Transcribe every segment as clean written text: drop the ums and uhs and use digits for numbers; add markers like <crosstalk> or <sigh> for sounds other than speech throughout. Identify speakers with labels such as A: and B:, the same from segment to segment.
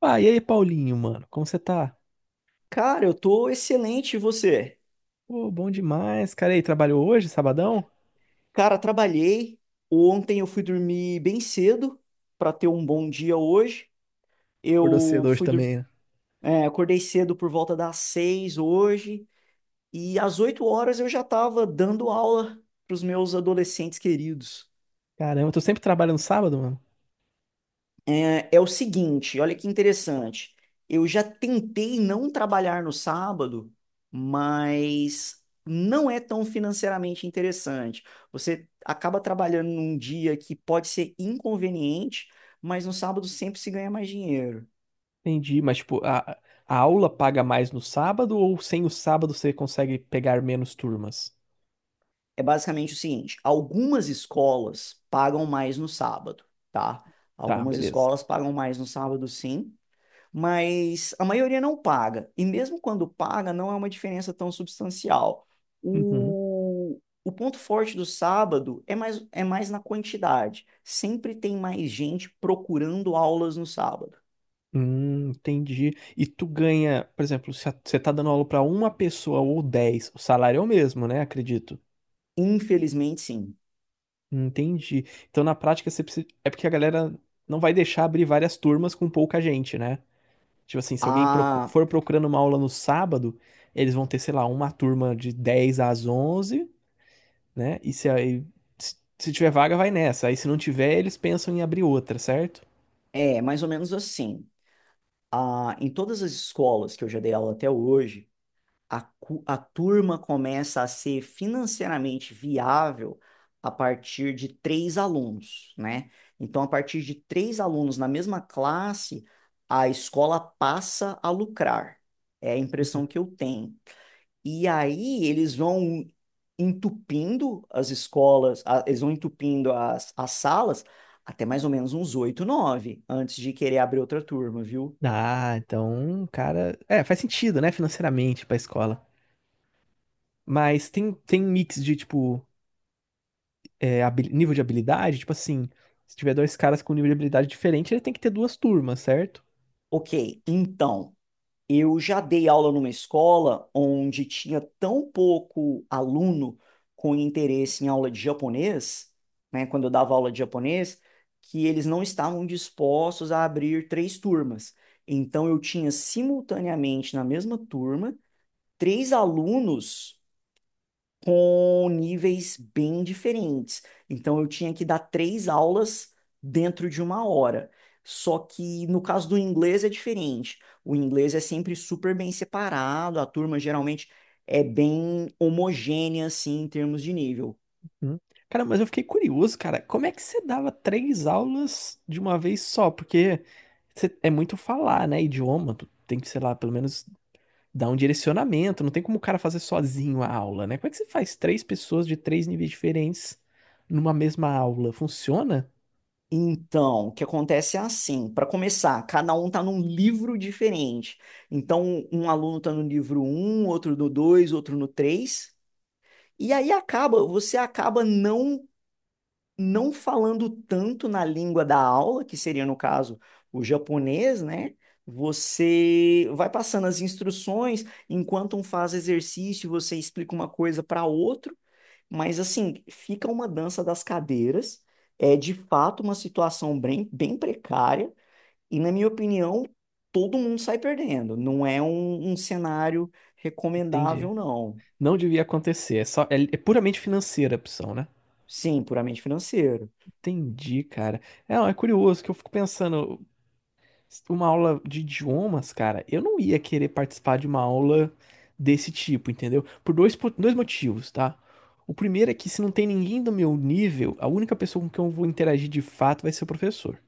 A: Ah, e aí, Paulinho, mano? Como você tá?
B: Cara, eu tô excelente, e você?
A: Pô, bom demais, cara. E aí, trabalhou hoje, sabadão?
B: Cara, trabalhei. Ontem eu fui dormir bem cedo pra ter um bom dia hoje.
A: Acordou
B: Eu
A: cedo hoje
B: fui dur-
A: também, né?
B: é, acordei cedo por volta das 6 hoje e às 8 horas eu já tava dando aula pros meus adolescentes queridos.
A: Caramba, eu tô sempre trabalhando sábado, mano.
B: É, é o seguinte, olha que interessante. Eu já tentei não trabalhar no sábado, mas não é tão financeiramente interessante. Você acaba trabalhando num dia que pode ser inconveniente, mas no sábado sempre se ganha mais dinheiro.
A: Entendi, mas tipo, a aula paga mais no sábado ou sem o sábado você consegue pegar menos turmas?
B: É basicamente o seguinte: algumas escolas pagam mais no sábado, tá?
A: Tá,
B: Algumas
A: beleza.
B: escolas pagam mais no sábado, sim. Mas a maioria não paga. E mesmo quando paga, não é uma diferença tão substancial.
A: Uhum.
B: O ponto forte do sábado é mais na quantidade. Sempre tem mais gente procurando aulas no sábado.
A: Entendi. E tu ganha, por exemplo, se a- você tá dando aula pra uma pessoa ou 10, o salário é o mesmo, né? Acredito.
B: Infelizmente, sim.
A: Entendi. Então, na prática, você precisa, é porque a galera não vai deixar abrir várias turmas com pouca gente, né? Tipo assim, se alguém
B: Ah,
A: for procurando uma aula no sábado, eles vão ter, sei lá, uma turma de 10 às 11, né? E se aí se se tiver vaga, vai nessa. Aí se não tiver, eles pensam em abrir outra, certo?
B: é mais ou menos assim. Ah, em todas as escolas que eu já dei aula até hoje, a turma começa a ser financeiramente viável a partir de três alunos, né? Então, a partir de três alunos na mesma classe, a escola passa a lucrar. É a
A: Uhum.
B: impressão que eu tenho. E aí eles vão entupindo as escolas, eles vão entupindo as salas até mais ou menos uns oito, nove, antes de querer abrir outra turma, viu?
A: Ah, então, cara, é, faz sentido, né, financeiramente pra escola. Mas tem mix de tipo, é, nível de habilidade, tipo assim, se tiver dois caras com um nível de habilidade diferente, ele tem que ter duas turmas, certo?
B: Ok, então. Eu já dei aula numa escola onde tinha tão pouco aluno com interesse em aula de japonês, né, quando eu dava aula de japonês, que eles não estavam dispostos a abrir três turmas. Então eu tinha simultaneamente na mesma turma três alunos com níveis bem diferentes. Então eu tinha que dar três aulas dentro de uma hora. Só que no caso do inglês é diferente. O inglês é sempre super bem separado, a turma geralmente é bem homogênea assim em termos de nível.
A: Hum. Cara, mas eu fiquei curioso, cara, como é que você dava três aulas de uma vez só? Porque é muito falar, né? Idioma, tu tem que, sei lá, pelo menos dá um direcionamento, não tem como o cara fazer sozinho a aula, né? Como é que você faz três pessoas de três níveis diferentes numa mesma aula? Funciona?
B: Então, o que acontece é assim, para começar, cada um está num livro diferente. Então, um aluno está no livro um, outro no 2, outro no 3. E aí acaba, você acaba não falando tanto na língua da aula, que seria no caso o japonês, né? Você vai passando as instruções, enquanto um faz exercício, você explica uma coisa para outro, mas assim, fica uma dança das cadeiras. É de fato uma situação bem, bem precária, e na minha opinião, todo mundo sai perdendo. Não é um cenário
A: Entendi.
B: recomendável, não.
A: Não devia acontecer, é puramente financeira a opção, né?
B: Sim, puramente financeiro.
A: Entendi, cara. É, não, é curioso que eu fico pensando, uma aula de idiomas, cara, eu não ia querer participar de uma aula desse tipo, entendeu? Por dois motivos, tá? O primeiro é que se não tem ninguém do meu nível, a única pessoa com quem eu vou interagir de fato vai ser o professor.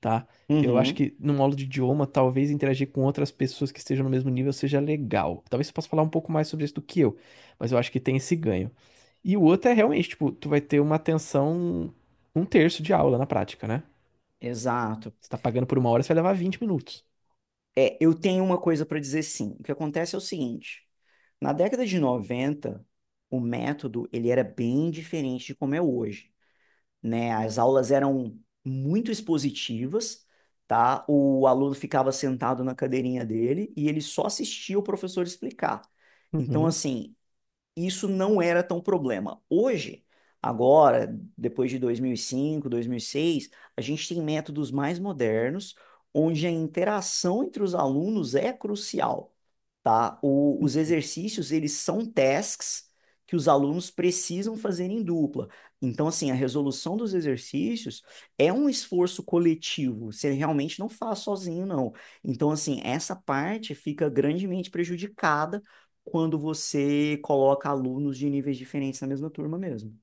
A: Tá? Eu acho
B: Uhum,
A: que numa aula de idioma, talvez interagir com outras pessoas que estejam no mesmo nível seja legal. Talvez você possa falar um pouco mais sobre isso do que eu, mas eu acho que tem esse ganho. E o outro é realmente, tipo, tu vai ter uma atenção um terço de aula na prática, né?
B: exato.
A: Você tá pagando por uma hora, você vai levar 20 minutos.
B: É, eu tenho uma coisa para dizer sim. O que acontece é o seguinte, na década de 90, o método ele era bem diferente de como é hoje, né? As aulas eram muito expositivas, tá? O aluno ficava sentado na cadeirinha dele e ele só assistia o professor explicar. Então,
A: Uhum.
B: assim, isso não era tão problema. Hoje, agora, depois de dois mil e cinco, 2006, a gente tem métodos mais modernos, onde a interação entre os alunos é crucial, tá? Os exercícios, eles são tasks que os alunos precisam fazer em dupla. Então, assim, a resolução dos exercícios é um esforço coletivo. Você realmente não faz sozinho, não. Então, assim, essa parte fica grandemente prejudicada quando você coloca alunos de níveis diferentes na mesma turma mesmo.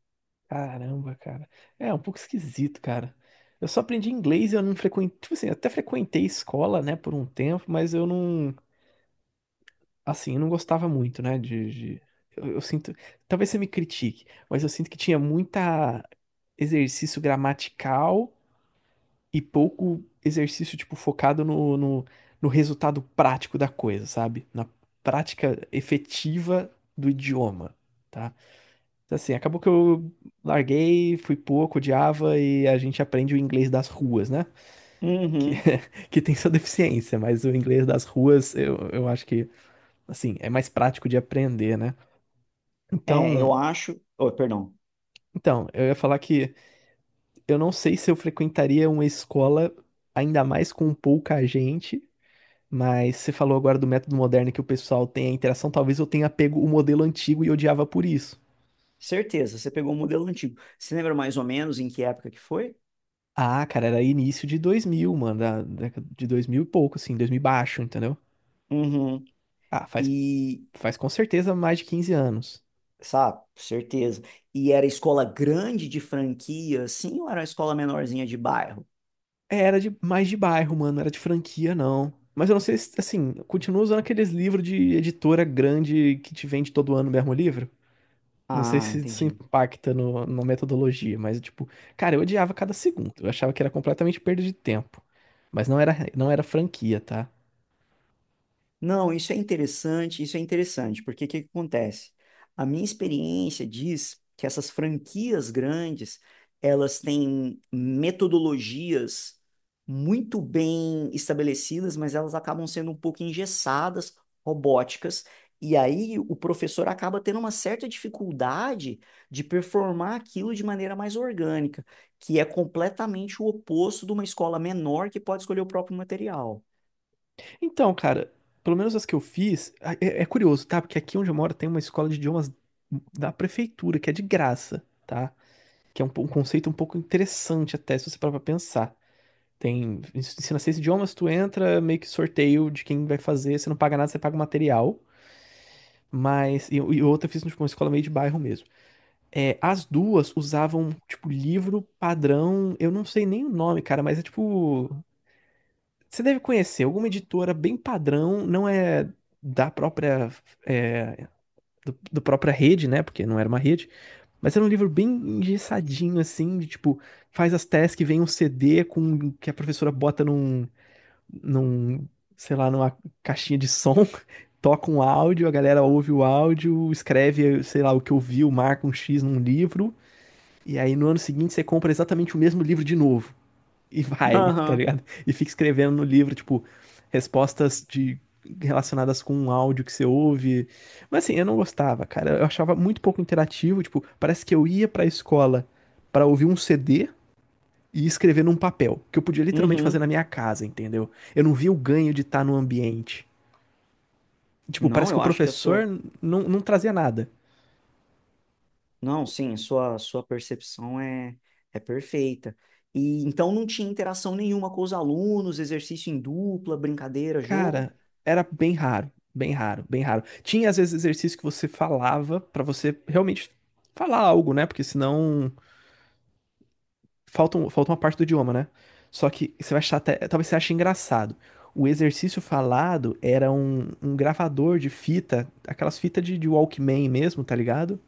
A: Caramba, cara. É um pouco esquisito, cara. Eu só aprendi inglês, eu não frequentei, tipo assim, até frequentei escola, né, por um tempo, mas eu não, assim, eu não gostava muito, né? Eu sinto. Talvez você me critique, mas eu sinto que tinha muita exercício gramatical e pouco exercício, tipo, focado no resultado prático da coisa, sabe? Na prática efetiva do idioma. Tá? Então, assim, acabou que eu larguei, fui pouco, odiava e a gente aprende o inglês das ruas, né? Que,
B: Uhum.
A: <laughs> que tem sua deficiência, mas o inglês das ruas eu acho que, assim, é mais prático de aprender, né?
B: É,
A: Então,
B: eu acho. Oh, perdão.
A: então, eu ia falar que eu não sei se eu frequentaria uma escola ainda mais com pouca gente, mas você falou agora do método moderno que o pessoal tem a interação, talvez eu tenha pego o modelo antigo e odiava por isso.
B: Certeza, você pegou o modelo antigo. Você lembra mais ou menos em que época que foi?
A: Ah, cara, era início de 2000, mano, da década de 2000 e pouco, assim, 2000 e baixo, entendeu?
B: Uhum.
A: Ah,
B: E,
A: faz com certeza mais de 15 anos.
B: Sabe? Certeza. E era escola grande de franquia, assim, ou era uma escola menorzinha de bairro?
A: É, era de mais de bairro, mano, era de franquia, não. Mas eu não sei se, assim, continua usando aqueles livros de editora grande que te vende todo ano o mesmo livro? Não sei
B: Ah,
A: se isso
B: entendi.
A: impacta no, na metodologia, mas tipo, cara, eu odiava cada segundo. Eu achava que era completamente perda de tempo. Mas não era franquia, tá?
B: Não, isso é interessante, porque o que que acontece? A minha experiência diz que essas franquias grandes, elas têm metodologias muito bem estabelecidas, mas elas acabam sendo um pouco engessadas, robóticas, e aí o professor acaba tendo uma certa dificuldade de performar aquilo de maneira mais orgânica, que é completamente o oposto de uma escola menor que pode escolher o próprio material.
A: Então, cara, pelo menos as que eu fiz, é curioso, tá? Porque aqui onde eu moro tem uma escola de idiomas da prefeitura, que é de graça, tá? Que é um conceito um pouco interessante até, se você parar pra pensar. Tem, ensina seis idiomas, tu entra, meio que sorteio de quem vai fazer, você não paga nada, você paga o material. Mas, e outra eu fiz tipo, uma escola meio de bairro mesmo. É, as duas usavam, tipo, livro padrão, eu não sei nem o nome, cara, mas é tipo. Você deve conhecer, alguma editora bem padrão, não é da própria. É, do própria rede, né? Porque não era uma rede. Mas era um livro bem engessadinho, assim, de tipo, faz as tasks, vem um CD com que a professora bota num, sei lá, numa caixinha de som. <laughs> Toca um áudio, a galera ouve o áudio, escreve, sei lá, o que ouviu, marca um X num livro e aí no ano seguinte você compra exatamente o mesmo livro de novo. E vai, <laughs> tá
B: Aham.
A: ligado? E fica escrevendo no livro, tipo, respostas de relacionadas com um áudio que você ouve. Mas assim, eu não gostava, cara. Eu achava muito pouco interativo, tipo, parece que eu ia pra escola pra ouvir um CD e escrever num papel, que eu podia literalmente fazer
B: Uhum.
A: na minha casa, entendeu? Eu não via o ganho de estar no ambiente. Tipo,
B: Não,
A: parece que o
B: eu acho que a sua.
A: professor não trazia nada.
B: Não, sim, sua percepção é perfeita. E então não tinha interação nenhuma com os alunos, exercício em dupla, brincadeira, jogo.
A: Cara, era bem raro, bem raro, bem raro. Tinha às vezes exercício que você falava pra você realmente falar algo, né? Porque senão falta, falta uma parte do idioma, né? Só que você vai achar até, talvez você ache engraçado. O exercício falado era um gravador de fita, aquelas fitas de Walkman mesmo, tá ligado?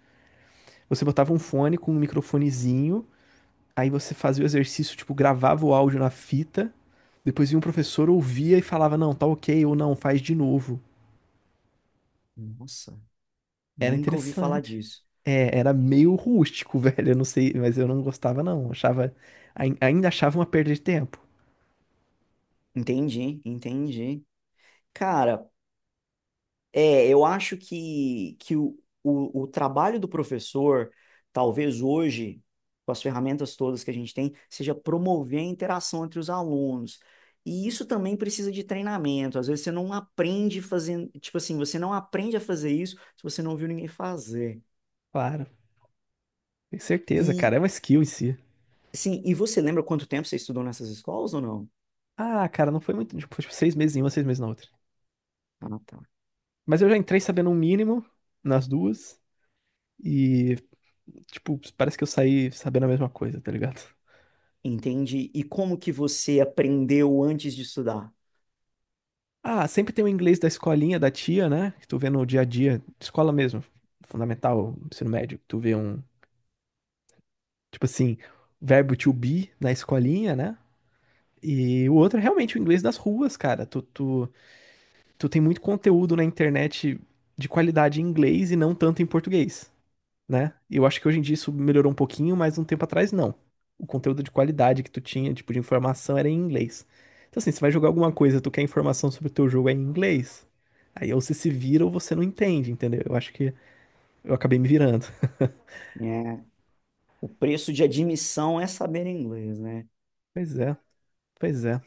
A: Você botava um fone com um microfonezinho, aí você fazia o exercício, tipo, gravava o áudio na fita, depois vinha um professor, ouvia e falava, não, tá ok, ou não, faz de novo.
B: Nossa,
A: Era
B: nunca ouvi falar
A: interessante.
B: disso.
A: É, era meio rústico, <laughs> velho. Eu não sei, mas eu não gostava, não. Achava, ainda achava uma perda de tempo.
B: Entendi, entendi. Cara, é, eu acho que o trabalho do professor, talvez hoje, com as ferramentas todas que a gente tem, seja promover a interação entre os alunos. E isso também precisa de treinamento. Às vezes você não aprende fazendo, tipo assim, você não aprende a fazer isso se você não viu ninguém fazer.
A: Claro, tenho certeza,
B: E,
A: cara. É uma skill em si.
B: sim, e você lembra quanto tempo você estudou nessas escolas ou não?
A: Ah, cara, não foi muito. Tipo, foi, tipo, 6 meses em uma, 6 meses na outra.
B: Ah, tá.
A: Mas eu já entrei sabendo um mínimo nas duas. E, tipo, parece que eu saí sabendo a mesma coisa, tá ligado?
B: Entendi. E como que você aprendeu antes de estudar?
A: Ah, sempre tem o inglês da escolinha da tia, né? Que tu vê no dia a dia, escola mesmo, fundamental, ensino médio. Tu vê um, tipo assim, verbo to be na escolinha, né? E o outro é realmente o inglês das ruas, cara. Tu tem muito conteúdo na internet de qualidade em inglês e não tanto em português, né? E eu acho que hoje em dia isso melhorou um pouquinho, mas um tempo atrás não. O conteúdo de qualidade que tu tinha, tipo, de informação era em inglês. Então, assim, você vai jogar alguma coisa, tu quer informação sobre o teu jogo é em inglês. Aí ou você se vira ou você não entende, entendeu? Eu acho que eu acabei me virando.
B: É, o preço de admissão é saber inglês, né?
A: Pois é, pois é.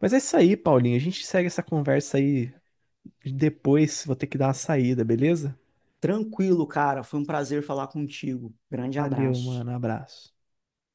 A: Mas é isso aí, Paulinho. A gente segue essa conversa aí depois. Vou ter que dar uma saída, beleza?
B: Tranquilo, cara. Foi um prazer falar contigo. Grande
A: Valeu,
B: abraço.
A: mano. Abraço.